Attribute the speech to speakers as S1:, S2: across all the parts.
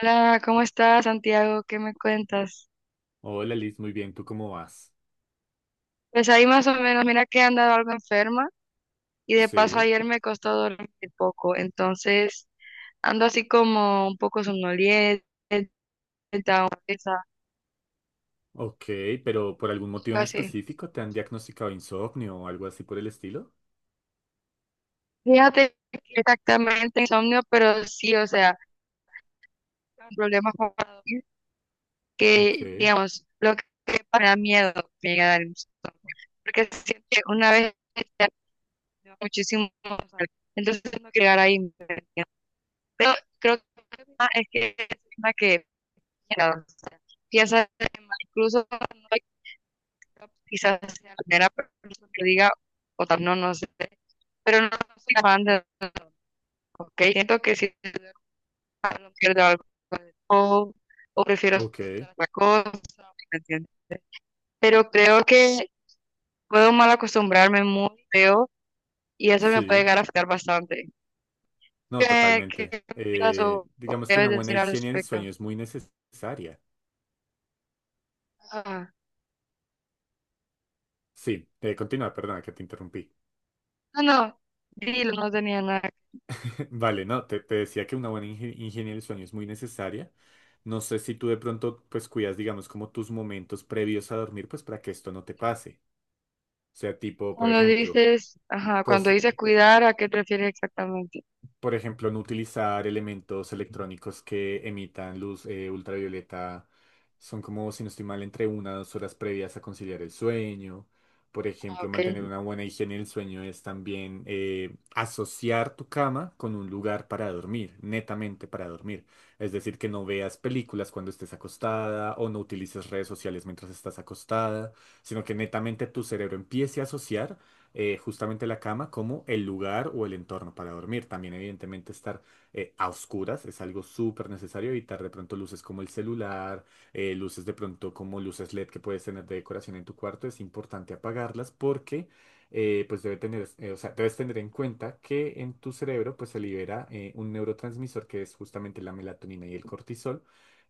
S1: Hola, ¿cómo estás, Santiago? ¿Qué me cuentas?
S2: Hola Liz, muy bien, ¿tú cómo vas?
S1: Pues ahí más o menos, mira que he andado algo enferma y de paso
S2: Sí,
S1: ayer me costó dormir poco, entonces ando así como un poco somnolienta, un- esa-
S2: ok, pero ¿por algún motivo
S1: algo
S2: en
S1: así.
S2: específico te han diagnosticado insomnio o algo así por el estilo?
S1: Fíjate que exactamente insomnio, pero sí, o sea, problemas para dormir
S2: Ok,
S1: que, digamos, lo que me da miedo me llega a dar insomnio, porque siempre una vez ya muchísimo, entonces no quiero llegar ahí. Pero creo que es una que mira, piensa incluso no hay- quizás sea la primera persona que diga, o tal, no, no sé, pero no soy fan de ok, siento que si no pierdo algo o, o prefiero hacer
S2: ok,
S1: otra cosa, ¿me entiendes? Pero creo que puedo mal acostumbrarme muy feo y eso me puede
S2: sí,
S1: llegar a afectar bastante.
S2: no,
S1: ¿Qué
S2: totalmente.
S1: piensas
S2: Eh,
S1: o
S2: digamos
S1: qué
S2: que una
S1: debes
S2: buena
S1: decir al
S2: higiene del
S1: respecto?
S2: sueño es muy necesaria.
S1: Ah.
S2: Sí, continúa, perdona que te interrumpí.
S1: No, no, dilo, no tenía nada.
S2: Vale, no, te decía que una buena higiene del sueño es muy necesaria. No sé si tú de pronto pues cuidas, digamos, como tus momentos previos a dormir, pues para que esto no te pase. O sea, tipo, por
S1: Cuando
S2: ejemplo,
S1: dices, ajá, cuando
S2: cos-
S1: dices cuidar, ¿a qué te refieres exactamente?
S2: por ejemplo, no utilizar elementos electrónicos que emitan luz ultravioleta. Son como, si no estoy mal, entre 1 o 2 horas previas a conciliar el sueño. Por
S1: Ah,
S2: ejemplo,
S1: ok.
S2: mantener una buena higiene del sueño es también asociar tu cama con un lugar para dormir, netamente para dormir. Es decir, que no veas películas cuando estés acostada o no utilices redes sociales mientras estás acostada, sino que netamente tu cerebro empiece a asociar justamente la cama como el lugar o el entorno para dormir. También evidentemente estar a oscuras es algo súper necesario, evitar de pronto luces como el celular, luces de pronto como luces LED que puedes tener de decoración en tu cuarto, es importante apagarlas porque pues debes tener en cuenta que en tu cerebro pues se libera un neurotransmisor que es justamente la melatonina y el cortisol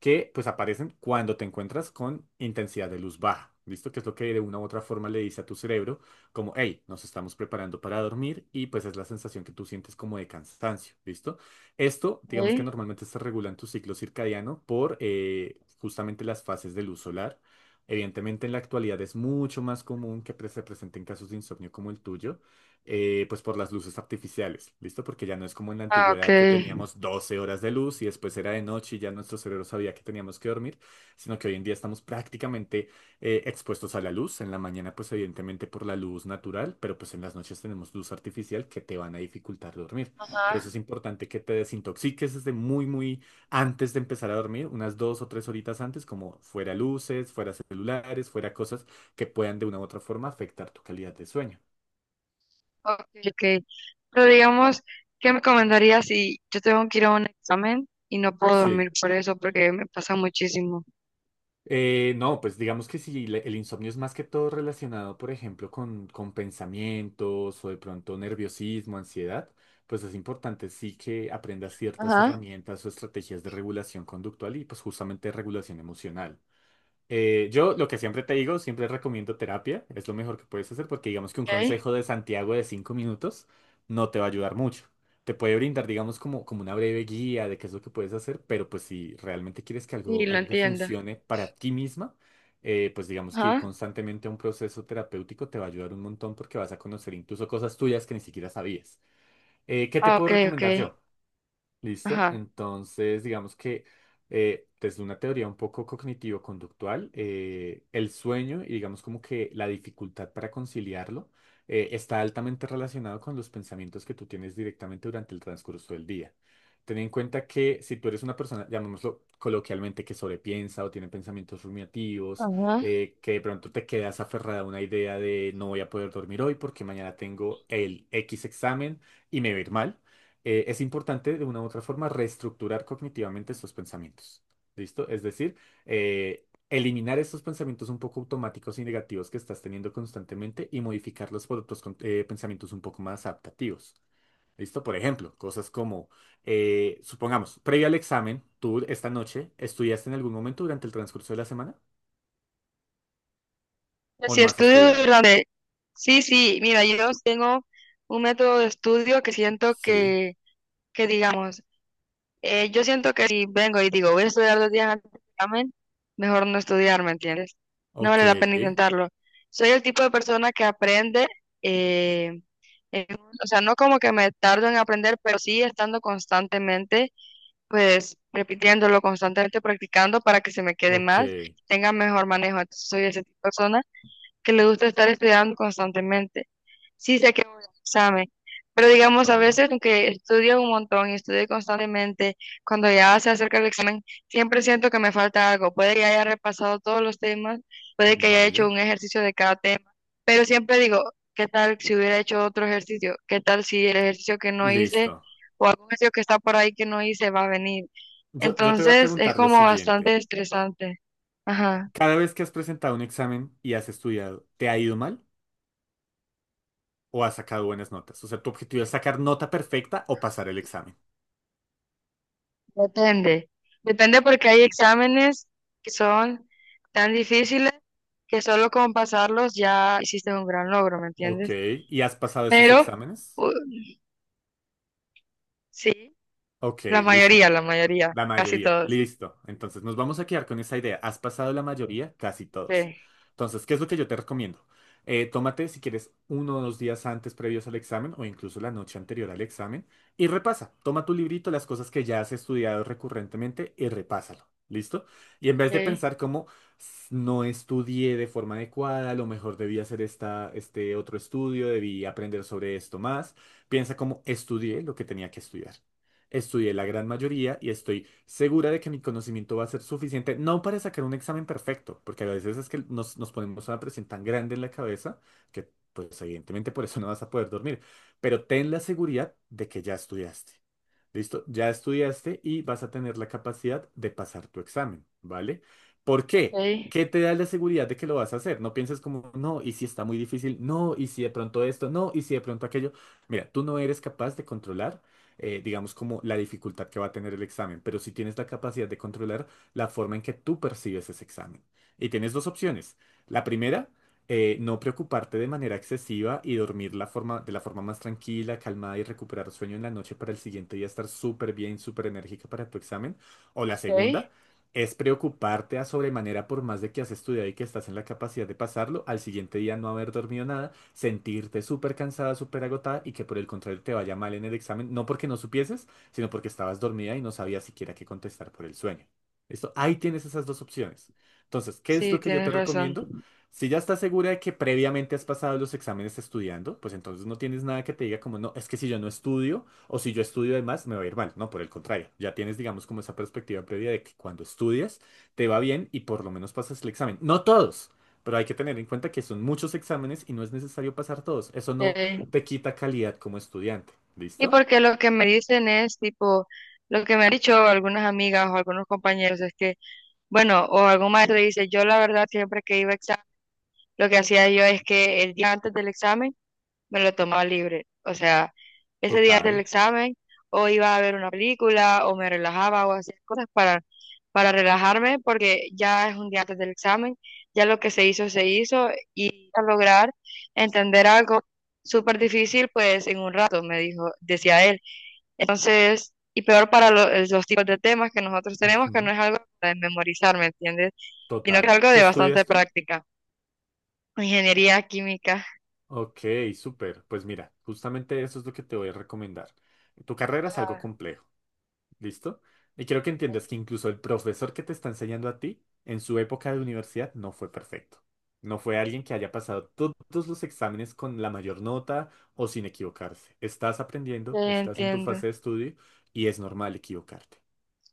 S2: que pues aparecen cuando te encuentras con intensidad de luz baja. ¿Listo? Que es lo que de una u otra forma le dice a tu cerebro como, hey, nos estamos preparando para dormir y pues es la sensación que tú sientes como de cansancio, ¿listo? Esto, digamos que
S1: ¿Eh?
S2: normalmente se regula en tu ciclo circadiano por justamente las fases de luz solar. Evidentemente en la actualidad es mucho más común que se presenten casos de insomnio como el tuyo, pues por las luces artificiales, ¿listo? Porque ya no es como en la
S1: Ah, ok.
S2: antigüedad que teníamos 12 horas de luz y después era de noche y ya nuestro cerebro sabía que teníamos que dormir, sino que hoy en día estamos prácticamente expuestos a la luz. En la mañana, pues evidentemente por la luz natural, pero pues en las noches tenemos luz artificial que te van a dificultar dormir. Por eso
S1: Ajá.
S2: es importante que te desintoxiques desde muy, muy antes de empezar a dormir, unas 2 o 3 horitas antes, como fuera luces, fuera celulares, fuera cosas que puedan de una u otra forma afectar tu calidad de sueño.
S1: Ok, ok. Pero digamos, ¿qué me recomendarías si yo tengo que ir a un examen y no puedo
S2: Sí.
S1: dormir por eso porque me pasa muchísimo?
S2: No, pues digamos que si le- el insomnio es más que todo relacionado, por ejemplo, con pensamientos o de pronto nerviosismo, ansiedad, pues es importante sí que aprendas ciertas
S1: Ajá.
S2: herramientas o estrategias de regulación conductual y pues justamente de regulación emocional. Yo lo que siempre te digo, siempre recomiendo terapia, es lo mejor que puedes hacer porque digamos que un
S1: Ok.
S2: consejo de Santiago de 5 minutos no te va a ayudar mucho. Te puede brindar, digamos, como una breve guía de qué es lo que puedes hacer, pero pues si realmente quieres que
S1: Sí,
S2: algo,
S1: lo
S2: algo que
S1: entiendo.
S2: funcione para ti misma, pues digamos que ir
S1: Ajá.
S2: constantemente a un proceso terapéutico te va a ayudar un montón porque vas a conocer incluso cosas tuyas que ni siquiera sabías. ¿Qué te
S1: Ah,
S2: puedo
S1: ok, ok.
S2: recomendar yo? Listo.
S1: Ajá.
S2: Entonces, digamos que desde una teoría un poco cognitivo-conductual, el sueño y digamos como que la dificultad para conciliarlo está altamente relacionado con los pensamientos que tú tienes directamente durante el transcurso del día. Ten en cuenta que si tú eres una persona, llamémoslo coloquialmente, que sobrepiensa o tiene pensamientos rumiativos,
S1: Ajá.
S2: que de pronto te quedas aferrada a una idea de no voy a poder dormir hoy porque mañana tengo el X examen y me va a ir mal es importante de una u otra forma reestructurar cognitivamente estos pensamientos. ¿Listo? Es decir, eliminar estos pensamientos un poco automáticos y negativos que estás teniendo constantemente y modificarlos por otros pensamientos un poco más adaptativos. ¿Listo? Por ejemplo, cosas como, supongamos, previo al examen, tú esta noche, ¿estudiaste en algún momento durante el transcurso de la semana? ¿O
S1: Si
S2: no has
S1: estudio
S2: estudiado?
S1: durante... Sí, sí, mira, yo tengo un método de estudio que siento
S2: Sí.
S1: que digamos, yo siento que si vengo y digo, voy a estudiar 2 días antes del examen, mejor no estudiar, ¿me entiendes? No
S2: Ok,
S1: vale la pena intentarlo. Soy el tipo de persona que aprende, eh, en- o sea, no como que me tardo en aprender, pero sí estando constantemente, pues repitiéndolo, constantemente practicando para que se me quede
S2: ok.
S1: más, tenga mejor manejo. Soy ese tipo de persona que le gusta estar estudiando constantemente. Sí sé que voy al examen, pero digamos, a
S2: Vale.
S1: veces, aunque estudio un montón y estudio constantemente, cuando ya se acerca el examen, siempre siento que me falta algo. Puede que haya repasado todos los temas, puede que haya hecho
S2: Vale.
S1: un ejercicio de cada tema, pero siempre digo, ¿qué tal si hubiera hecho otro ejercicio? ¿Qué tal si el ejercicio que no
S2: Listo.
S1: hice o algún ejercicio que está por ahí que no hice va a venir?
S2: Yo te voy a
S1: Entonces, es
S2: preguntar lo
S1: como bastante
S2: siguiente.
S1: estresante. Ajá.
S2: Cada vez que has presentado un examen y has estudiado, ¿te ha ido mal o has sacado buenas notas? O sea, tu objetivo es sacar nota perfecta o pasar el examen.
S1: Depende, depende porque hay exámenes que son tan difíciles que solo con pasarlos ya hiciste un gran logro, ¿me
S2: Ok,
S1: entiendes?
S2: ¿y has pasado esos
S1: Pero
S2: exámenes?
S1: u- sí,
S2: Ok, listo,
S1: la
S2: perfecto.
S1: mayoría,
S2: La
S1: casi
S2: mayoría,
S1: todos.
S2: listo. Entonces nos vamos a quedar con esa idea. Has pasado la mayoría, casi todos.
S1: Okay,
S2: Entonces, ¿qué es lo que yo te recomiendo? Tómate, si quieres, 1 o 2 días antes previos al examen o incluso la noche anterior al examen y repasa. Toma tu librito, las cosas que ya has estudiado recurrentemente y repásalo. ¿Listo? Y en vez de
S1: okay,
S2: pensar como no estudié de forma adecuada, a lo mejor debí hacer esta, este otro estudio, debí aprender sobre esto más, piensa como estudié lo que tenía que estudiar estudié la gran mayoría y estoy segura de que mi conocimiento va a ser suficiente, no para sacar un examen perfecto, porque a veces es que nos ponemos una presión tan grande en la cabeza que pues evidentemente por eso no vas a poder dormir, pero ten la seguridad de que ya estudiaste. Listo, ya estudiaste y vas a tener la capacidad de pasar tu examen, ¿vale? ¿Por qué?
S1: okay,
S2: ¿Qué te da la seguridad de que lo vas a hacer? No pienses como, no, y si está muy difícil, no, y si de pronto esto, no, y si de pronto aquello. Mira, tú no eres capaz de controlar, digamos, como la dificultad que va a tener el examen, pero sí tienes la capacidad de controlar la forma en que tú percibes ese examen. Y tienes dos opciones. La primera no preocuparte de manera excesiva y dormir de la forma más tranquila, calmada y recuperar sueño en la noche para el siguiente día estar súper bien, súper enérgica para tu examen. O la
S1: okay.
S2: segunda es preocuparte a sobremanera por más de que has estudiado y que estás en la capacidad de pasarlo, al siguiente día no haber dormido nada, sentirte súper cansada, súper agotada y que por el contrario te vaya mal en el examen, no porque no supieses, sino porque estabas dormida y no sabías siquiera qué contestar por el sueño. Esto, ahí tienes esas dos opciones. Entonces, ¿qué es lo
S1: Sí,
S2: que yo te
S1: tienes razón.
S2: recomiendo? Si ya estás segura de que previamente has pasado los exámenes estudiando, pues entonces no tienes nada que te diga como, no, es que si yo no estudio o si yo estudio de más, me va a ir mal. No, por el contrario, ya tienes, digamos, como esa perspectiva previa de que cuando estudias te va bien y por lo menos pasas el examen. No todos, pero hay que tener en cuenta que son muchos exámenes y no es necesario pasar todos. Eso no
S1: Okay.
S2: te quita calidad como estudiante.
S1: Y
S2: ¿Listo?
S1: porque lo que me dicen es tipo, lo que me han dicho algunas amigas o algunos compañeros es que, bueno, o algún maestro dice, yo la verdad siempre que iba a examen, lo que hacía yo es que el día antes del examen me lo tomaba libre. O sea, ese día del
S2: Total.
S1: examen o iba a ver una película o me relajaba o hacía cosas para relajarme porque ya es 1 día antes del examen, ya lo que se hizo y a lograr entender algo súper difícil pues en un rato, me dijo, decía él. Entonces, y peor para los tipos de temas que nosotros tenemos que no
S2: Ujú,
S1: es algo de memorizar, ¿me entiendes? Sino que es
S2: total.
S1: algo
S2: ¿Qué
S1: de bastante
S2: estudias tú?
S1: práctica. Ingeniería química.
S2: Ok, súper. Pues mira, justamente eso es lo que te voy a recomendar. Tu carrera es algo
S1: Ajá,
S2: complejo, ¿listo? Y quiero que entiendas que incluso el profesor que te está enseñando a ti, en su época de universidad, no fue perfecto. No fue alguien que haya pasado todos los exámenes con la mayor nota o sin equivocarse. Estás
S1: sí,
S2: aprendiendo, estás en tu
S1: entiendo.
S2: fase de estudio y es normal equivocarte,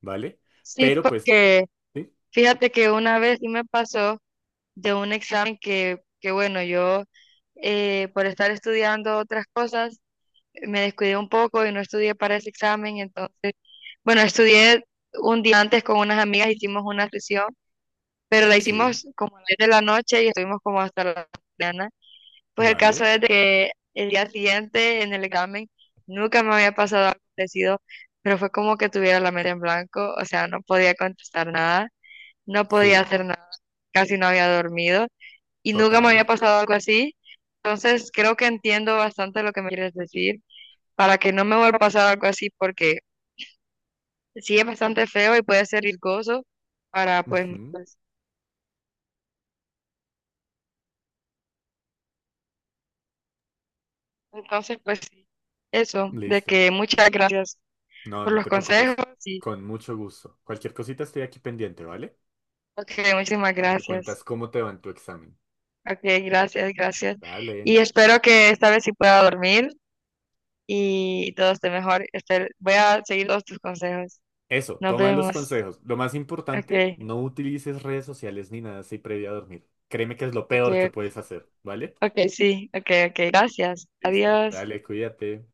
S2: ¿vale?
S1: Sí,
S2: Pero pues,
S1: porque
S2: sí,
S1: fíjate que una vez sí me pasó de un examen que bueno, yo por estar estudiando otras cosas me descuidé un poco y no estudié para ese examen, entonces, bueno, estudié 1 día antes con unas amigas, hicimos una sesión, pero la
S2: sí,
S1: hicimos como a las 10 de la noche y estuvimos como hasta la mañana. Pues el caso
S2: vale,
S1: es de que el día siguiente en el examen nunca me había pasado algo parecido, pero fue como que tuviera la mente en blanco, o sea, no podía contestar nada no podía
S2: sí,
S1: hacer nada, casi no había dormido y nunca me había
S2: total.
S1: pasado algo así. Entonces creo que entiendo bastante lo que me quieres decir para que no me vuelva a pasar algo así porque sí es bastante feo y puede ser riesgoso para pues
S2: Ujú,
S1: entonces pues sí, eso, de
S2: listo.
S1: que muchas gracias
S2: No,
S1: por
S2: no
S1: los
S2: te preocupes.
S1: consejos y
S2: Con mucho gusto. Cualquier cosita estoy aquí pendiente, ¿vale?
S1: ok, muchísimas
S2: Me
S1: gracias.
S2: cuentas cómo te va en tu examen.
S1: Ok, gracias, gracias.
S2: Dale.
S1: Y espero que esta vez sí pueda dormir y todo esté mejor. Espero- voy a seguir todos tus consejos.
S2: Eso,
S1: Nos
S2: toma los
S1: vemos.
S2: consejos. Lo más importante,
S1: Okay,
S2: no utilices redes sociales ni nada así previo a dormir. Créeme que es lo peor que
S1: okay,
S2: puedes hacer, ¿vale?
S1: okay, sí, okay, okay, gracias.
S2: Listo.
S1: Adiós.
S2: Dale, cuídate.